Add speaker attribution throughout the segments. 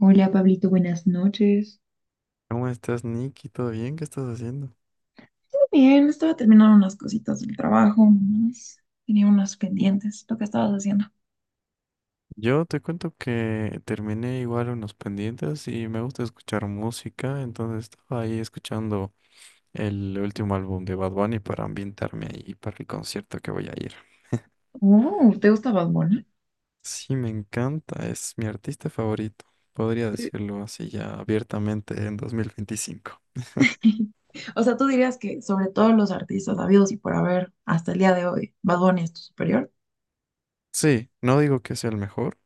Speaker 1: Hola Pablito, buenas noches.
Speaker 2: ¿Cómo estás, Nicky? ¿Todo bien? ¿Qué estás haciendo?
Speaker 1: Bien, estaba terminando unas cositas del trabajo, nomás. Tenía unas pendientes, lo que estabas haciendo.
Speaker 2: Yo te cuento que terminé igual unos pendientes y me gusta escuchar música, entonces estaba ahí escuchando el último álbum de Bad Bunny para ambientarme ahí para el concierto que voy a ir.
Speaker 1: Oh, ¿te gusta Bad Bunny?
Speaker 2: Sí, me encanta, es mi artista favorito, podría
Speaker 1: Sí.
Speaker 2: decirlo así ya abiertamente en 2025.
Speaker 1: O sea, tú dirías que sobre todos los artistas habidos y por haber hasta el día de hoy, Bad Bunny es tu superior.
Speaker 2: Sí, no digo que sea el mejor.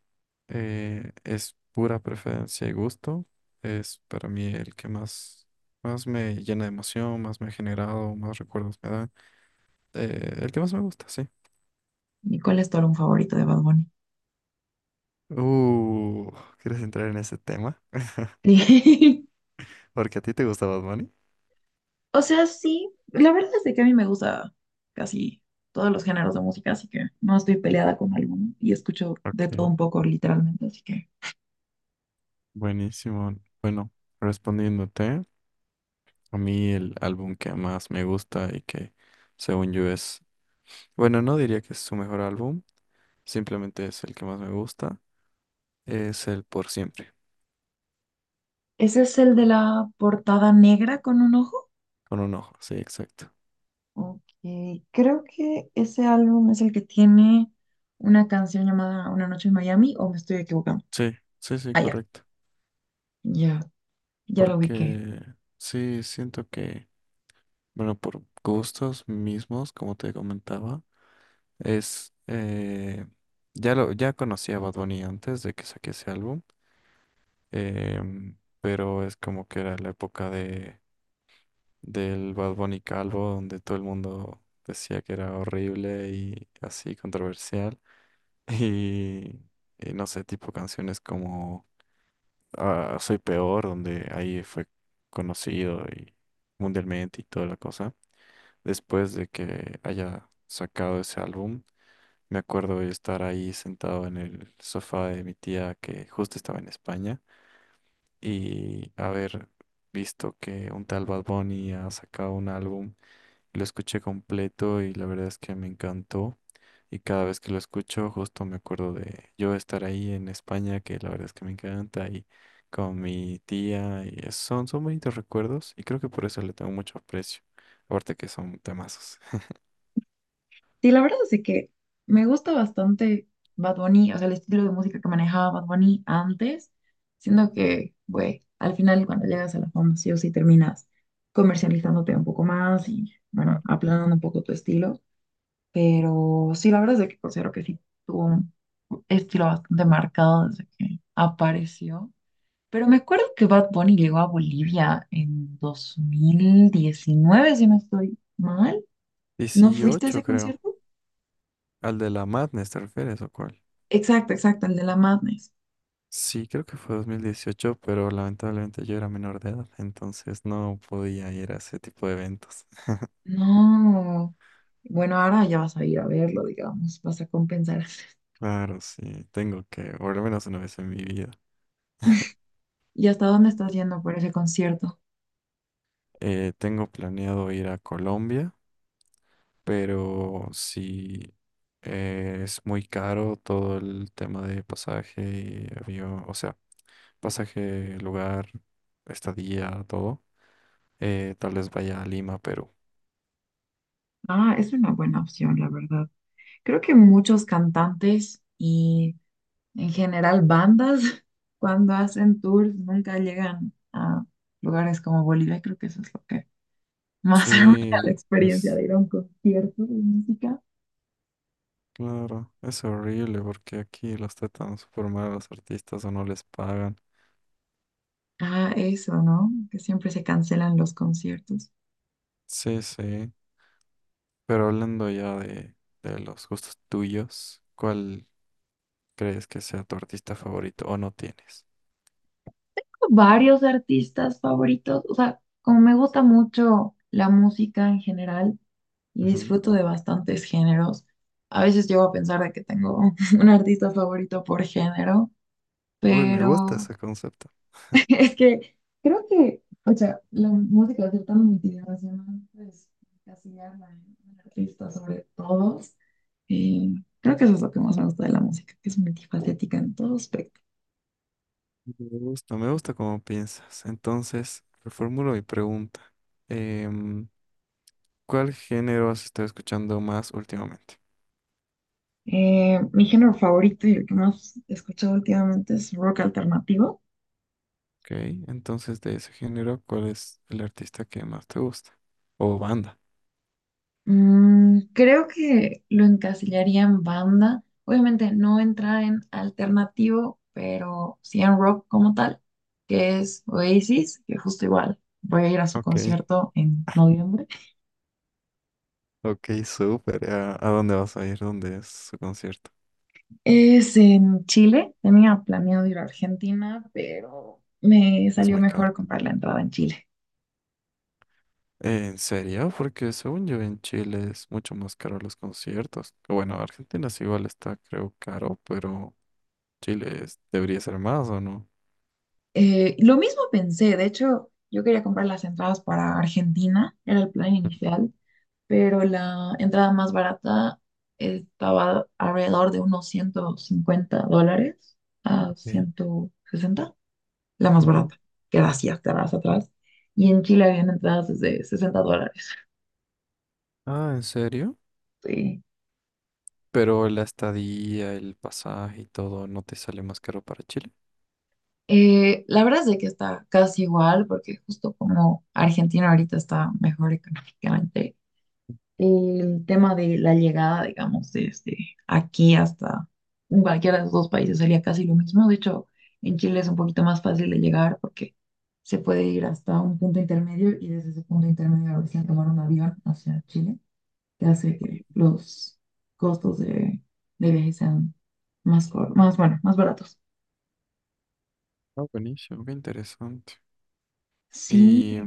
Speaker 2: Es pura preferencia y gusto. Es para mí el que más me llena de emoción, más me ha generado, más recuerdos me da. El que más me gusta, sí.
Speaker 1: ¿Y cuál es tu álbum favorito de Bad Bunny?
Speaker 2: Uh, ¿Quieres entrar en ese tema? Porque a ti te gusta Bad Bunny.
Speaker 1: O sea, sí, la verdad es de que a mí me gusta casi todos los géneros de música, así que no estoy peleada con alguno y escucho
Speaker 2: Ok,
Speaker 1: de todo un poco, literalmente, así que...
Speaker 2: buenísimo. Bueno, respondiéndote, a mí el álbum que más me gusta y que según yo es, bueno, no diría que es su mejor álbum, simplemente es el que más me gusta, es el Por Siempre,
Speaker 1: ¿Ese es el de la portada negra con un ojo?
Speaker 2: con un ojo, sí, exacto.
Speaker 1: Ok, creo que ese álbum es el que tiene una canción llamada Una noche en Miami, o me estoy equivocando.
Speaker 2: Sí, sí, sí,
Speaker 1: Ah, ya,
Speaker 2: correcto.
Speaker 1: ya, ya lo ubiqué.
Speaker 2: Porque sí, siento que, bueno, por gustos mismos, como te comentaba, es, eh, ya conocía a Bad Bunny antes de que saque ese álbum, pero es como que era la época del Bad Bunny calvo, donde todo el mundo decía que era horrible y así controversial. Y, y no sé, tipo canciones como a Soy Peor, donde ahí fue conocido y mundialmente y toda la cosa. Después de que haya sacado ese álbum, me acuerdo de estar ahí sentado en el sofá de mi tía que justo estaba en España y haber visto que un tal Bad Bunny ha sacado un álbum. Lo escuché completo y la verdad es que me encantó. Y cada vez que lo escucho, justo me acuerdo de yo estar ahí en España, que la verdad es que me encanta, y con mi tía, y son bonitos recuerdos, y creo que por eso le tengo mucho aprecio. Aparte que son temazos.
Speaker 1: Sí, la verdad es de que me gusta bastante Bad Bunny, o sea, el estilo de música que manejaba Bad Bunny antes, siendo que, güey, al final cuando llegas a la fama, sí o sí terminas comercializándote un poco más y,
Speaker 2: Ah,
Speaker 1: bueno, aplanando un poco tu estilo. Pero sí, la verdad es de que considero que sí tuvo un estilo bastante marcado desde que apareció. Pero me acuerdo que Bad Bunny llegó a Bolivia en 2019, si no estoy mal. ¿No fuiste a
Speaker 2: 18,
Speaker 1: ese
Speaker 2: creo.
Speaker 1: concierto?
Speaker 2: ¿Al de la Madness te refieres o cuál?
Speaker 1: Exacto, exacto, el de la Madness.
Speaker 2: Sí, creo que fue 2018 pero lamentablemente yo era menor de edad, entonces no podía ir a ese tipo de eventos.
Speaker 1: No. Bueno, ahora ya vas a ir a verlo, digamos, vas a compensar.
Speaker 2: Claro, sí, tengo que, por lo menos una vez en mi vida.
Speaker 1: ¿Y hasta dónde estás yendo por ese concierto?
Speaker 2: Tengo planeado ir a Colombia, pero si es muy caro todo el tema de pasaje y avión, o sea, pasaje, lugar, estadía, todo. Tal vez vaya a Lima, Perú.
Speaker 1: Ah, es una buena opción, la verdad. Creo que muchos cantantes y en general bandas, cuando hacen tours, nunca llegan a lugares como Bolivia, y creo que eso es lo que
Speaker 2: Sí,
Speaker 1: más arruina la experiencia
Speaker 2: es
Speaker 1: de ir a un concierto de música.
Speaker 2: claro, es horrible porque aquí los tratan súper mal a los artistas o no les pagan.
Speaker 1: Ah, eso, ¿no? Que siempre se cancelan los conciertos.
Speaker 2: Sí, sí. Pero hablando ya de los gustos tuyos, ¿cuál crees que sea tu artista favorito o no tienes?
Speaker 1: Varios artistas favoritos. O sea, como me gusta mucho la música en general y
Speaker 2: Ujú.
Speaker 1: disfruto de bastantes géneros, a veces llego a pensar de que tengo un artista favorito por género,
Speaker 2: Uy, me gusta
Speaker 1: pero
Speaker 2: ese concepto.
Speaker 1: es que creo que, o sea, la música es tan multidimensional, pues encasillarla en un artista sobre todos. Y creo que eso es lo que más me gusta de la música, que es multifacética en todos aspectos.
Speaker 2: Me gusta cómo piensas. Entonces, reformulo mi pregunta. Em, ¿Cuál género has estado escuchando más últimamente?
Speaker 1: Mi género favorito y el que más he escuchado últimamente es rock alternativo.
Speaker 2: Ok, entonces de ese género, ¿cuál es el artista que más te gusta? O banda.
Speaker 1: Creo que lo encasillaría en banda. Obviamente no entra en alternativo, pero sí en rock como tal, que es Oasis, que justo igual voy a ir a su
Speaker 2: Ok,
Speaker 1: concierto en noviembre.
Speaker 2: ok, súper. ¿A dónde vas a ir? ¿Dónde es su concierto?
Speaker 1: Es en Chile. Tenía planeado ir a Argentina, pero me
Speaker 2: Es
Speaker 1: salió
Speaker 2: muy
Speaker 1: mejor
Speaker 2: caro.
Speaker 1: comprar la entrada en Chile.
Speaker 2: ¿En serio? Porque según yo en Chile es mucho más caro los conciertos. Bueno, Argentina sí igual está, creo, caro, pero. Chile debería ser más, ¿o no?
Speaker 1: Lo mismo pensé, de hecho, yo quería comprar las entradas para Argentina, era el plan inicial, pero la entrada más barata estaba alrededor de unos $150 a
Speaker 2: Ok.
Speaker 1: 160 la más
Speaker 2: Ujú.
Speaker 1: barata, que era así hasta más atrás. Y en Chile habían entradas desde $60.
Speaker 2: Ah, ¿en serio?
Speaker 1: Sí.
Speaker 2: Pero la estadía, el pasaje y todo, ¿no te sale más caro para Chile?
Speaker 1: La verdad es de que está casi igual, porque justo como Argentina ahorita está mejor económicamente, el tema de la llegada, digamos, desde aquí hasta cualquiera de los dos países sería casi lo mismo. De hecho, en Chile es un poquito más fácil de llegar porque se puede ir hasta un punto intermedio y desde ese punto intermedio recién tomar un avión hacia Chile, que hace que los costos de viaje sean más, más, bueno, más baratos.
Speaker 2: Ah, buenísimo, qué interesante.
Speaker 1: Sí,
Speaker 2: Y,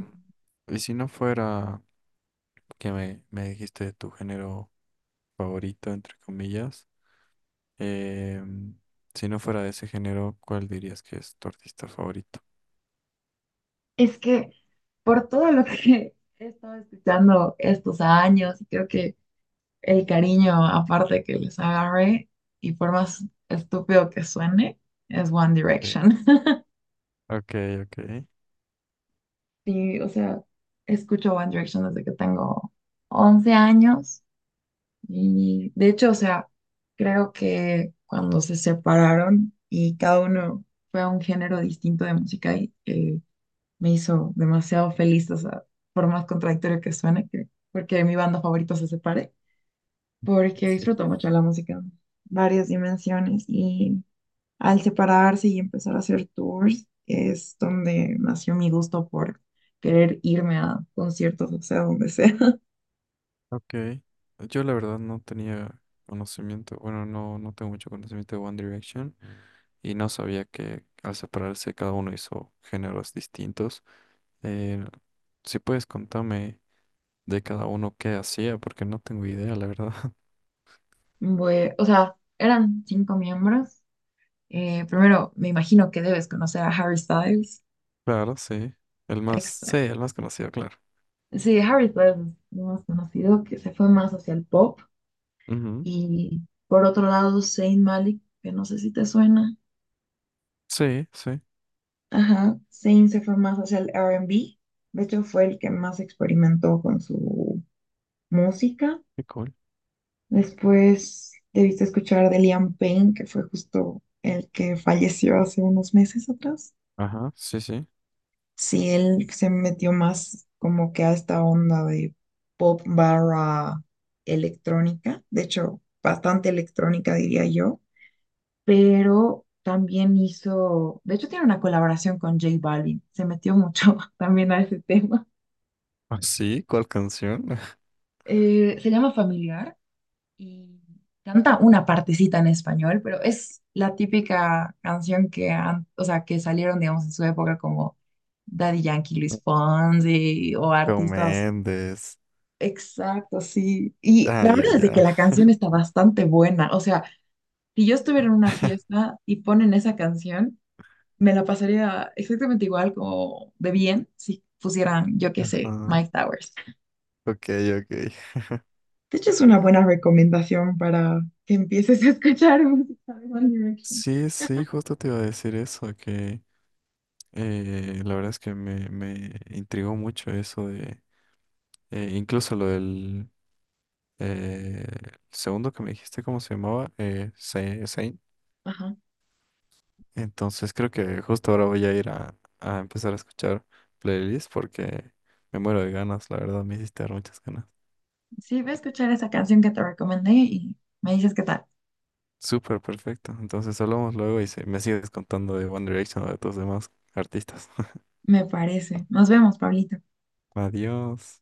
Speaker 2: y si no fuera que me dijiste tu género favorito, entre comillas, eh, si no fuera de ese género, ¿cuál dirías que es tu artista favorito?
Speaker 1: es que por todo lo que he estado escuchando estos años, creo que el cariño aparte que les agarre y por más estúpido que suene, es One
Speaker 2: Sí.
Speaker 1: Direction.
Speaker 2: Ok, ok.
Speaker 1: y o sea, escucho One Direction desde que tengo 11 años y de hecho, o sea, creo que cuando se separaron y cada uno fue a un género distinto de música y me hizo demasiado feliz, o sea, por más contradictorio que suene, que, porque mi banda favorita se separe, porque
Speaker 2: Sí.
Speaker 1: disfruto mucho la música en varias dimensiones y al separarse y empezar a hacer tours, es donde nació mi gusto por querer irme a conciertos, o sea, donde sea.
Speaker 2: Ok, yo la verdad no tenía conocimiento, bueno, no, no tengo mucho conocimiento de One Direction y no sabía que al separarse cada uno hizo géneros distintos. Eh, si puedes contarme de cada uno qué hacía, porque no tengo idea, la verdad.
Speaker 1: O sea, eran cinco miembros. Primero, me imagino que debes conocer a Harry Styles.
Speaker 2: Claro, sí,
Speaker 1: Extra.
Speaker 2: el más conocido, claro.
Speaker 1: Sí, Harry Styles es lo más conocido, que se fue más hacia el pop.
Speaker 2: Ujú.
Speaker 1: Y por otro lado, Zayn Malik, que no sé si te suena.
Speaker 2: Sí, sí,
Speaker 1: Ajá, Zayn se fue más hacia el R&B. De hecho, fue el que más experimentó con su música.
Speaker 2: qué cool.
Speaker 1: Después debiste escuchar de Liam Payne, que fue justo el que falleció hace unos meses atrás.
Speaker 2: Ajá, sí, sí.
Speaker 1: Sí, él se metió más como que a esta onda de pop barra electrónica, de hecho, bastante electrónica diría yo, pero también hizo, de hecho tiene una colaboración con J Balvin, se metió mucho también a ese tema.
Speaker 2: ¿Ah, sí? ¿Cuál canción?
Speaker 1: Se llama Familiar y canta una partecita en español, pero es la típica canción que, o sea, que salieron, digamos, en su época como Daddy Yankee, Luis Fonsi o
Speaker 2: Shawn
Speaker 1: artistas.
Speaker 2: Mendes.
Speaker 1: Exacto, sí. Y
Speaker 2: Ah,
Speaker 1: la
Speaker 2: ya,
Speaker 1: verdad es de que
Speaker 2: ya.
Speaker 1: la canción está bastante buena. O sea, si yo estuviera en una fiesta y ponen esa canción, me la pasaría exactamente igual como de bien si pusieran, yo qué sé,
Speaker 2: Ajá,
Speaker 1: Mike Towers.
Speaker 2: ok, ok.
Speaker 1: De hecho, es una buena recomendación para que empieces a escuchar música de One Direction.
Speaker 2: Sí, sí, justo te iba a decir eso, que la verdad es que me intrigó mucho eso de, incluso lo del eh, segundo que me dijiste, ¿cómo se llamaba? Saint.
Speaker 1: Ajá.
Speaker 2: Entonces creo que justo ahora voy a ir a empezar a escuchar playlists porque me muero de ganas, la verdad, me hiciste dar muchas ganas.
Speaker 1: Sí, voy a escuchar esa canción que te recomendé y me dices qué tal.
Speaker 2: Súper perfecto, entonces hablamos luego y me sigues contando de One Direction o de tus demás artistas.
Speaker 1: Me parece. Nos vemos, Pablito.
Speaker 2: Adiós.